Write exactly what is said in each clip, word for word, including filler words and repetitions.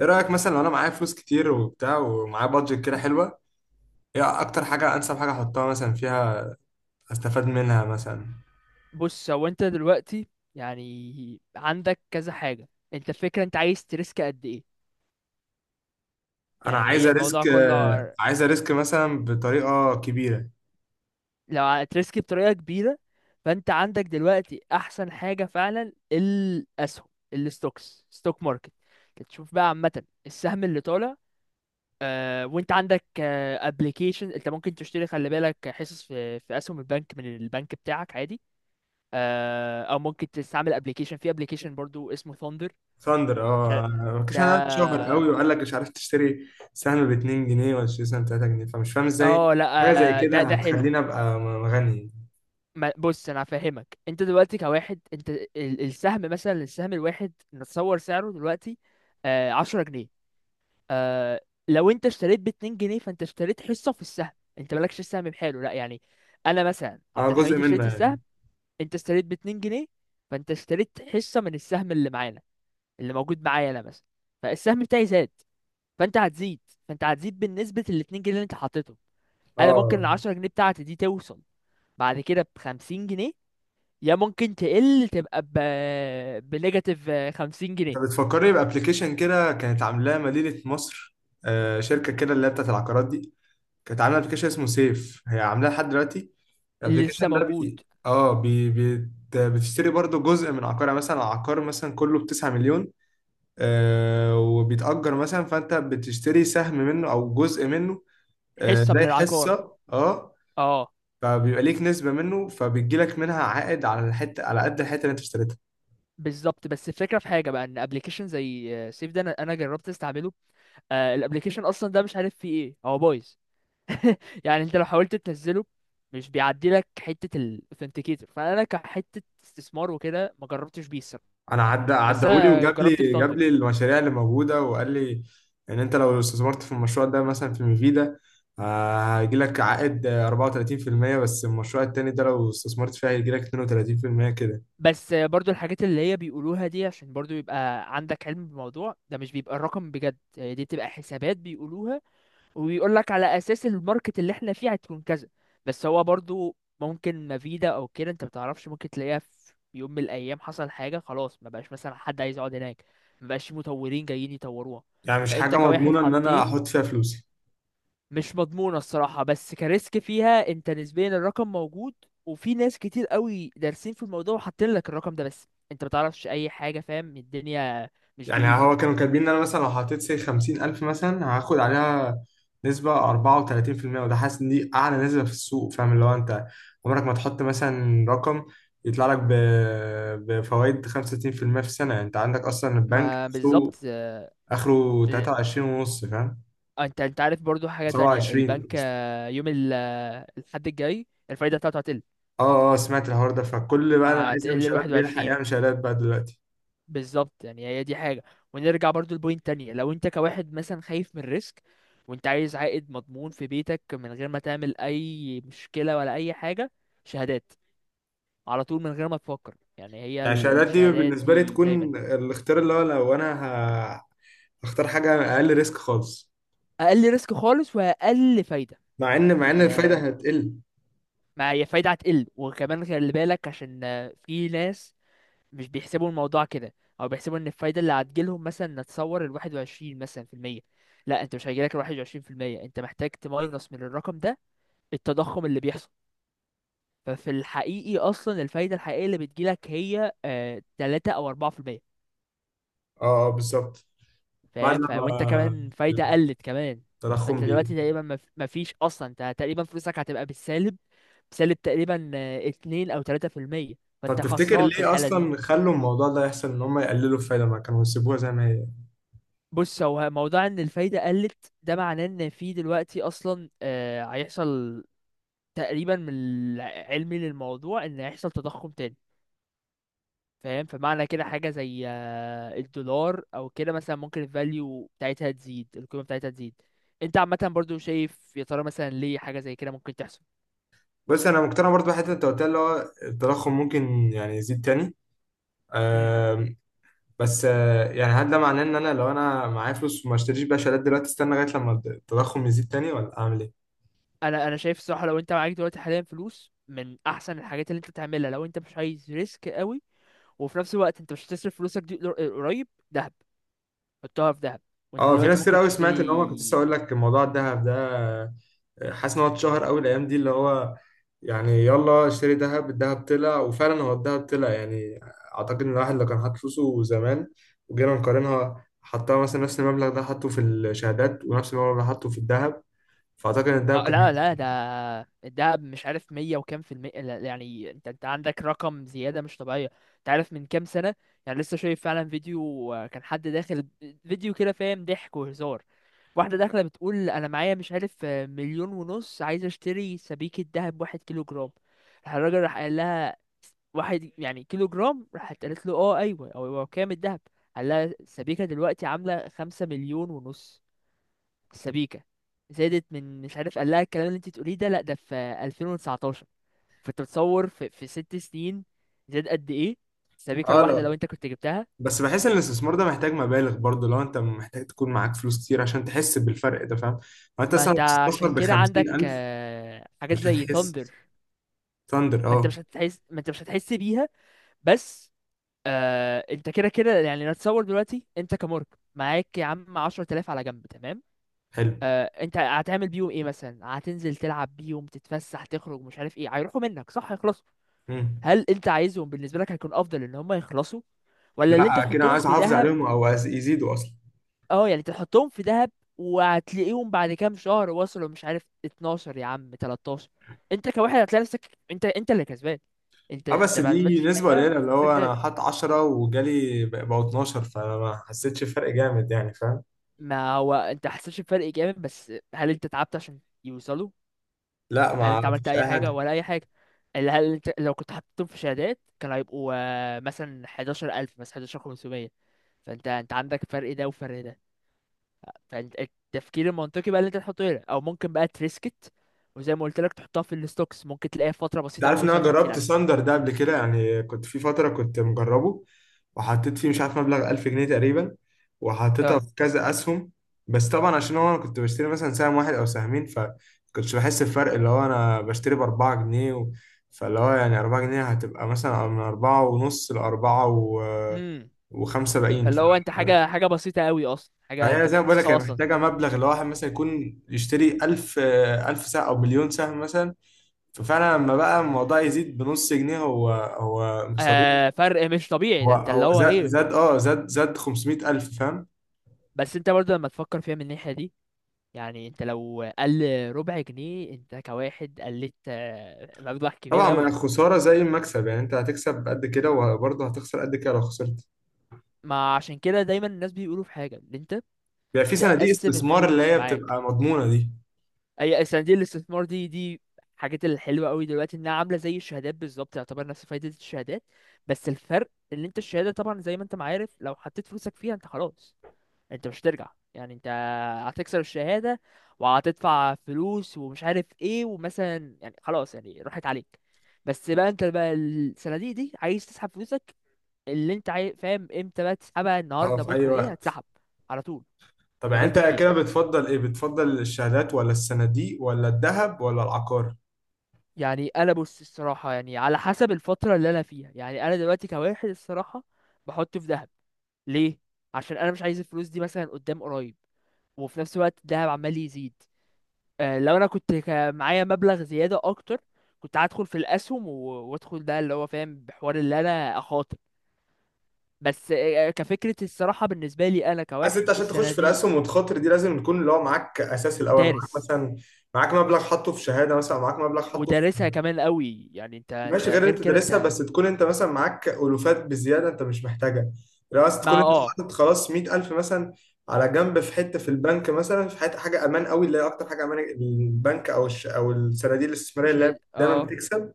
ايه رايك مثلا لو انا معايا فلوس كتير وبتاع ومعايا بادجت كده حلوه؟ ايه اكتر حاجه انسب حاجه احطها مثلا فيها؟ استفاد منها مثلا. بص، هو انت دلوقتي يعني عندك كذا حاجة. انت الفكرة، انت عايز تريسك قد ايه؟ انا يعني هي عايزه الموضوع ريسك، كله آه، ع- عايزه ريسك مثلا بطريقه كبيره. لو ع- تريسك بطريقة كبيرة، فانت عندك دلوقتي احسن حاجة فعلا، الاسهم، الستوكس، ستوك ماركت. تشوف بقى عامة السهم اللي طالع. آه، وانت عندك ابلكيشن، انت ممكن تشتري، خلي بالك، حصص في في اسهم البنك من البنك بتاعك عادي. آه، او ممكن تستعمل ابلكيشن، في ابلكيشن برضو اسمه ثاندر. ثاندر، اه. مفيش، انا اتشهر قوي ده. وقال لك مش عارف تشتري سهم ب اتنين جنيه ولا تشتري سهم ب تلاتة جنيه، فمش فاهم ازاي اه لا، حاجه زي آه، كده ده ده حلو. هتخليني ابقى م- غني. ما- بص، انا هفهمك. انت دلوقتي كواحد، انت ال- السهم مثلا، السهم الواحد نتصور سعره دلوقتي آه عشرة جنيه. آه، لو انت اشتريت باتنين جنيه، فانت اشتريت حصة في السهم. انت مالكش السهم بحاله، لا يعني. انا مثلا اه، عبد جزء الحميد منه اشتريت يعني. السهم، انت اشتريت باتنين جنيه، فانت اشتريت حصة من السهم اللي معانا، اللي موجود معايا انا مثلا. فالسهم بتاعي زاد، فانت هتزيد فانت هتزيد بالنسبة للاتنين جنيه اللي انت حطيتهم. انا ممكن اه، العشرة جنيه بتاعتي دي توصل بعد كده بخمسين جنيه، يا ممكن تقل تبقى ب بنيجاتيف خمسين جنيه. انت بتفكرني بابلكيشن كده كانت عاملاه مدينه مصر، آه، شركه كده اللي هي بتاعت العقارات دي. كانت عامله ابلكيشن اسمه سيف، هي عاملاه لحد دلوقتي. اللي لسه الابلكيشن ده موجود. بي... اه بي... بي... بتشتري برضو جزء من عقارها، مثلا عقار مثلا كله ب تسعة مليون، آه وبيتأجر مثلا، فانت بتشتري سهم منه او جزء منه، آه حصة من زي العقار، حصة، اه. اه، فبيبقى ليك نسبة منه، فبيجي لك منها عائد على الحتة على قد الحتة اللي انت اشتريتها. بالظبط. بس الفكرة في حاجة بقى، ان ابلكيشن زي سيف ده، انا أنا جربت استعمله. آه الابلكيشن اصلا ده مش عارف فيه ايه، هو بايظ. يعني انت لو حاولت تنزله، مش بيعدي لك حتة الاوثنتيكيتور، فانا كحتة استثمار وكده ما جربتش بيه الصراحة. انا عدى بس عدهولي انا وجاب لي جربت جاب بثاندر. لي المشاريع اللي موجوده وقال لي ان انت لو استثمرت في المشروع ده مثلا في ميفيدا، آه، هيجي لك عائد آه، اربعة وتلاتين في المية. بس المشروع التاني ده لو استثمرت فيه هيجي لك اتنين وتلاتين في المية كده. بس برضو الحاجات اللي هي بيقولوها دي، عشان برضو يبقى عندك علم بالموضوع ده، مش بيبقى الرقم بجد، هي دي بتبقى حسابات بيقولوها، وبيقول لك على اساس الماركت اللي احنا فيه هتكون كذا. بس هو برضو ممكن مفيدة او كده انت بتعرفش، ممكن تلاقيها في يوم من الايام حصل حاجة خلاص، ما بقاش مثلا حد عايز يقعد هناك، ما بقاش في مطورين جايين يطوروها. يعني مش فانت حاجه كواحد مضمونه ان انا حطيت، احط فيها فلوسي. مش مضمونة الصراحة، بس كريسك فيها انت نسبيا الرقم موجود، وفي ناس كتير قوي دارسين في الموضوع وحاطين لك الرقم ده. بس انت متعرفش اي حاجة، فاهم، الدنيا مش يعني بإيدك. هو كانوا كاتبين ان انا مثلا لو حطيت سي خمسين الف مثلا هاخد عليها نسبة اربعة وتلاتين في المية، وده حاسس ان دي اعلى نسبة في السوق. فاهم اللي هو انت عمرك ما تحط مثلا رقم يطلع لك ب... بفوائد خمسة وستين في المية في المية في السنة؟ يعني انت عندك اصلا البنك ما بالظبط، سوق اه. اخره تلاتة وعشرين ونص، فاهم، انت انت عارف برضو حاجة تانية، سبعة وعشرين البنك قصدي. اه، يوم ال- اه، الحد الجاي الفايدة بتاعته هتقل، اه اه، سمعت الحوار ده، فكل بقى اللي عايز هتقل يعمل لواحد شهادات بيلحق واحد وعشرين، يعمل شهادات بقى دلوقتي. بالظبط. يعني هي دي حاجة، ونرجع برضو لبوينت تانية، لو انت كواحد مثلا خايف من الريسك، وانت عايز عائد مضمون في بيتك من غير ما تعمل اي مشكلة ولا اي حاجة، شهادات. على طول من غير ما تفكر، يعني هي يعني ال- الشهادات دي الشهادات بالنسبة لي دي تكون دايما. الاختيار، اللي هو لو انا ه- هختار حاجة اقل ريسك خالص. اقل ريسك خالص واقل فايدة. مع ان مع ان يعني الفايده آه، هتقل. ما هي فايدة هتقل، وكمان خلي بالك عشان آه، في ناس مش بيحسبوا الموضوع كده، او بيحسبوا ان الفايدة اللي هتجيلهم مثلا، نتصور الواحد وعشرين مثلا في المية. لا، انت مش هيجيلك الواحد وعشرين في المية، انت محتاج تماينس من الرقم ده التضخم اللي بيحصل. ففي الحقيقي اصلا الفايدة الحقيقية اللي بتجيلك هي آه تلاتة او اربعة في المية. اه، آه، بالظبط. بعد فاهم. ف وانت لما كمان فايدة قلت كمان. التضخم فانت بي دلوقتي تقريبا مف- مفيش اصلا، انت تقريبا فلوسك هتبقى بالسالب، بسالب تقريبا آه، اتنين او تلاتة في المية. طب فانت تفتكر خسران في ليه الحالة دي. اصلا خلوا الموضوع ده يحصل، ان هم يقللوا الفايده ما كانوا يسيبوها زي ما هي؟ بص، هو موضوع ان الفايدة قلت ده معناه ان في دلوقتي اصلا آه هيحصل تقريبا، من علمي للموضوع، ان هيحصل تضخم تاني. فاهم، فمعنى كده حاجة زي آه، الدولار او كده مثلا، ممكن الفاليو بتاعتها تزيد، القيمة بتاعتها تزيد. انت عامة برضو شايف يا ترى مثلا ليه حاجة زي كده ممكن تحصل؟ بس انا مقتنع برضه بحته انت قلتها، اللي هو التضخم ممكن يعني يزيد تاني. مم. آم، بس آه، يعني هل ده معناه ان انا لو انا معايا فلوس وما اشتريش بقى شهادات دلوقتي استنى لغايه لما التضخم يزيد تاني، ولا اعمل ايه؟ انا انا شايف الصراحة، لو انت معاك دلوقتي حاليا فلوس، من احسن الحاجات اللي انت تعملها لو انت مش عايز ريسك قوي، وفي نفس الوقت انت مش هتصرف فلوسك دي قر- قريب، دهب. حطها في دهب، وانت اه، في دلوقتي ناس كتير ممكن قوي سمعت، ان هو كنت لسه تشتري. اقول لك موضوع الذهب ده، حاسس ان هو اتشهر قوي الايام دي، اللي هو يعني يلا اشتري دهب، الدهب طلع. وفعلا هو الدهب طلع يعني. اعتقد ان الواحد لو كان حاطط فلوسه زمان وجينا نقارنها، حطها مثلا نفس المبلغ ده حطه في الشهادات ونفس المبلغ ده حطه في الذهب، فاعتقد ان الذهب اه كان لا، لا هيكسب. ده، الدهب مش عارف مية وكام في المية، لا، يعني انت انت عندك رقم زيادة مش طبيعية. انت عارف من كام سنة، يعني لسه شايف فعلا فيديو آه، كان حد داخل فيديو كده، فاهم، ضحك وهزار. واحدة داخلة بتقول انا معايا مش عارف آه، مليون ونص، عايزة اشتري سبيكة دهب واحد كيلو جرام. راح الراجل راح قال لها واحد يعني كيلو جرام، راحت قالت له اه ايوه، هو هو كام الدهب؟ قال لها السبيكة دلوقتي عاملة خمسة مليون ونص. السبيكة زادت من مش عارف، قال لها الكلام اللي انت تقوليه ده، لا ده في ألفين وتسعتاشر. فانت بتصور في, في ست سنين زاد قد ايه السبيكة اه، الواحدة لو لا. انت كنت جبتها. بس بحس ان الاستثمار ده محتاج مبالغ برضه، لو انت محتاج تكون معاك فلوس كتير عشان تحس بالفرق ده، فاهم؟ لو انت ما مثلا انت بتستثمر عشان ب كده عندك خمسين الف آه، حاجات مش زي هتحس. ثاندر. ثاندر، ما انت اه. مش هتحس ما انت مش هتحس بيها. بس، آه انت كده كده يعني، نتصور دلوقتي انت كمارك، معاك يا عم عشر تلاف على جنب، تمام. حلو. آه انت هتعمل بيهم ايه مثلا، هتنزل تلعب بيهم، تتفسح، تخرج، مش عارف ايه، هيروحوا منك صح، يخلص. مم. هل انت عايزهم؟ بالنسبه لك هيكون افضل ان هم يخلصوا، ولا اللي انت لا، كده تحطهم عايز في احافظ دهب؟ عليهم او عايز يزيدوا اصلا. اه يعني تحطهم في دهب، وهتلاقيهم بعد كام شهر وصلوا مش عارف اتناشر، يا عم تلتاشر. انت كواحد هتلاقي نفسك، انت انت اللي كسبان، انت اه، انت بس ما دي عملتش نسبة حاجه قليلة، اللي وفلوسك هو انا زادت. حاط عشرة وجالي بق- بقوا اثنا عشر، فانا ما حسيتش بفرق جامد يعني، فاهم؟ ما هو انت حسيتش بفرق جامد، بس هل انت تعبت عشان يوصلوا؟ لا، هل انت ما عملت فيش اي اي حاجه حاجة. ولا اي حاجه؟ اللي هل انت لو كنت حطيتهم في شهادات، كان هيبقوا آه، مثلا حداشر الف، مثلا حداشر الف وخمسمية. فانت انت عندك فرق ده وفرق ده. فالتفكير المنطقي بقى اللي انت تحطه هنا، او ممكن بقى تريسكت، وزي ما قلت لك تحطها في الستوكس، ممكن تلاقيها في فتره انت بسيطه قوي عارف ان انا وصلت جربت خمسين الف. ساندر ده قبل كده يعني، كنت في فترة كنت مجربه، وحطيت فيه مش عارف مبلغ الف جنيه تقريبا، وحطيتها اه. في كذا اسهم. بس طبعا عشان هو انا كنت بشتري مثلا سهم واحد او سهمين فكنتش بحس بفرق، اللي هو انا بشتري ب اربعة جنيه و... فاللي هو يعني اربعة جنيه هتبقى مثلا من اربعة ونص ل اربعة و... امم وخمسة وسبعين. فاللي هو انت حاجه، حاجه بسيطه قوي اصلا، حاجه انت فهي زي مش ما بقول لك هي محسوسها اصلا. محتاجة مبلغ اللي هو واحد مثلا يكون يشتري الف الف سهم أو مليون سهم مثلا. ففعلا لما بقى الموضوع يزيد بنص جنيه، هو هو مصدر. آه فرق مش طبيعي هو ده، انت اللي هو هو زاد ايه. زاد اه زاد زاد خمسميت الف، فاهم؟ بس انت برضه لما تفكر فيها من الناحيه دي، يعني انت لو قل ربع جنيه، انت كواحد قلت آه، مبلغ كبير طبعا، ما قوي. خسارة زي المكسب يعني، أنت هتكسب قد كده وبرضه هتخسر قد كده لو خسرت. ما عشان كده دايما الناس بيقولوا في حاجه، ان انت بيبقى في صناديق تقسم استثمار اللي الفلوس هي معاك. بتبقى مضمونة دي. اي، صناديق الاستثمار دي دي حاجات الحلوه قوي دلوقتي، انها عامله زي الشهادات بالظبط، تعتبر نفس فايده الشهادات. بس الفرق ان انت الشهاده طبعا زي ما انت ما عارف، لو حطيت فلوسك فيها انت خلاص، انت مش هترجع، يعني انت هتكسر الشهاده وهتدفع فلوس ومش عارف ايه، ومثلا يعني خلاص، يعني راحت عليك. بس بقى، انت بقى الصناديق دي عايز تسحب فلوسك اللي انت عاي... فاهم؟ امتى بقى تسحبها؟ اه، النهارده في أي بكره ايه وقت. هتسحب؟ على طول طب من يعني غير أنت تفكير. كده بتفضل إيه؟ بتفضل الشهادات ولا الصناديق ولا الذهب ولا العقار؟ يعني انا، بص الصراحه، يعني على حسب الفتره اللي انا فيها، يعني انا دلوقتي كواحد الصراحه بحطه في ذهب. ليه؟ عشان انا مش عايز الفلوس دي مثلا قدام قريب، وفي نفس الوقت الذهب عمال يزيد. آه لو انا كنت كا- معايا مبلغ زياده اكتر، كنت هدخل في الاسهم و- وادخل ده اللي هو، فاهم، بحوار اللي انا اخاطر. بس، آه، آه، كفكره الصراحه بالنسبه لي انا عايز كواحد انت عشان تخش السنه في دي. الاسهم والتخاطر دي لازم يكون اللي هو معاك اساس الاول، معاك دارس مثلا، معاك مبلغ حاطه في شهاده مثلا، معاك مبلغ حاطه في ودارسها كمان قوي، يعني انت انت ماشي، غير اللي غير انت كده دارسها، انت. بس تكون انت مثلا معاك الوفات بزياده انت مش محتاجها. لو عايز تكون ما انت اه حاطط خلاص ميت الف مثلا على جنب في حته في البنك، مثلا في حته حاجه امان قوي اللي هي اكتر حاجه امان، البنك او الش... او الصناديق الاستثماريه مش اللي هي دايما اه بتكسب.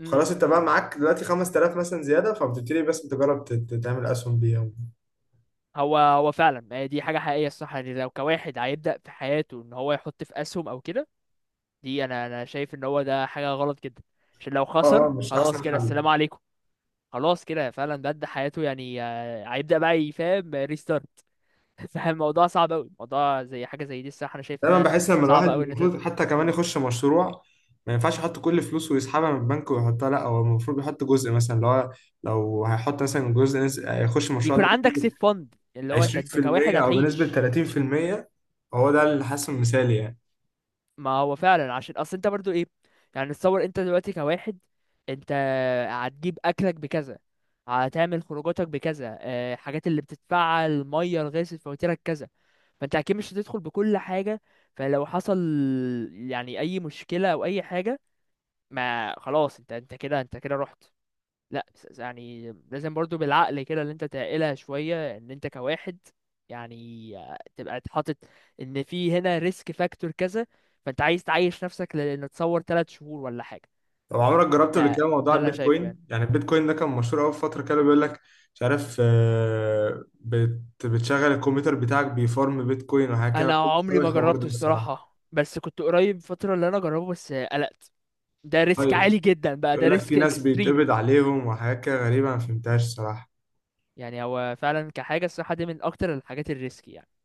امم خلاص، انت بقى معاك دلوقتي خمست الاف مثلا زياده، فبتبتدي بس تجرب ت- ت- تعمل اسهم بيها. هو هو فعلا هي دي حاجة حقيقية الصح، يعني لو كواحد هيبدأ في حياته ان هو يحط في اسهم او كده، دي، انا انا شايف ان هو ده حاجة غلط جدا. عشان لو اه خسر، اه، مش خلاص احسن كده حل. السلام عليكم، خلاص كده فعلا بدأ حياته. يعني آه، هيبدأ بقى يفهم ريستارت. فالموضوع صعب قوي، موضوع زي حاجة زي دي الصح، انا شايف دايما انها بحس لما الواحد صعبة قوي ان انت. المفروض حتى كمان مم. يخش مشروع ما ينفعش يحط كل فلوسه ويسحبها من البنك ويحطها، لا، هو المفروض يحط جزء مثلا اللي هو، لو هيحط مثلا جزء نس- يخش المشروع يكون ده عندك سيف فند، اللي هو انت انت كواحد عشرين في المية او بنسبة هتعيش. تلاتين في المية. هو ده اللي حاسه مثالي يعني. ما هو فعلا، عشان اصل انت برضو ايه، يعني تصور انت دلوقتي كواحد، انت هتجيب اكلك بكذا، هتعمل خروجاتك بكذا، آه، حاجات اللي بتدفعها، الميه، الغاز، الفواتيرك كذا. فانت اكيد مش هتدخل بكل حاجه، فلو حصل يعني اي مشكله او اي حاجه، ما خلاص انت انت كده انت كده رحت. لا، بس- يعني لازم برضو بالعقل كده، اللي انت تعقلها شوية، ان انت كواحد يعني آه، تبقى اتحاطط، ان في هنا ريسك فاكتور كذا. فانت عايز تعيش نفسك، لان تصور ثلاث شهور ولا حاجة. طب عمرك جربت ده قبل كده موضوع ده اللي انا شايفه البيتكوين؟ يعني. يعني البيتكوين ده كان مشهور قوي في فترة، كده بيقول لك مش عارف، آه، بت- بتشغل الكمبيوتر بتاعك بيفارم بيتكوين وحاجة كده، ما انا كنتش عمري أوي ما الحوار ده جربته الصراحة. الصراحة، بس كنت قريب فترة اللي انا اجربه، بس آه، قلقت. ده ريسك طيب، عالي جدا بقى، ده يقول لك في ريسك ناس اكستريم. بيتقبض عليهم وحاجات كده غريبة ما فهمتهاش الصراحة. يعني هو فعلا كحاجة الصراحة دي من اكتر الحاجات الريسكي يعني.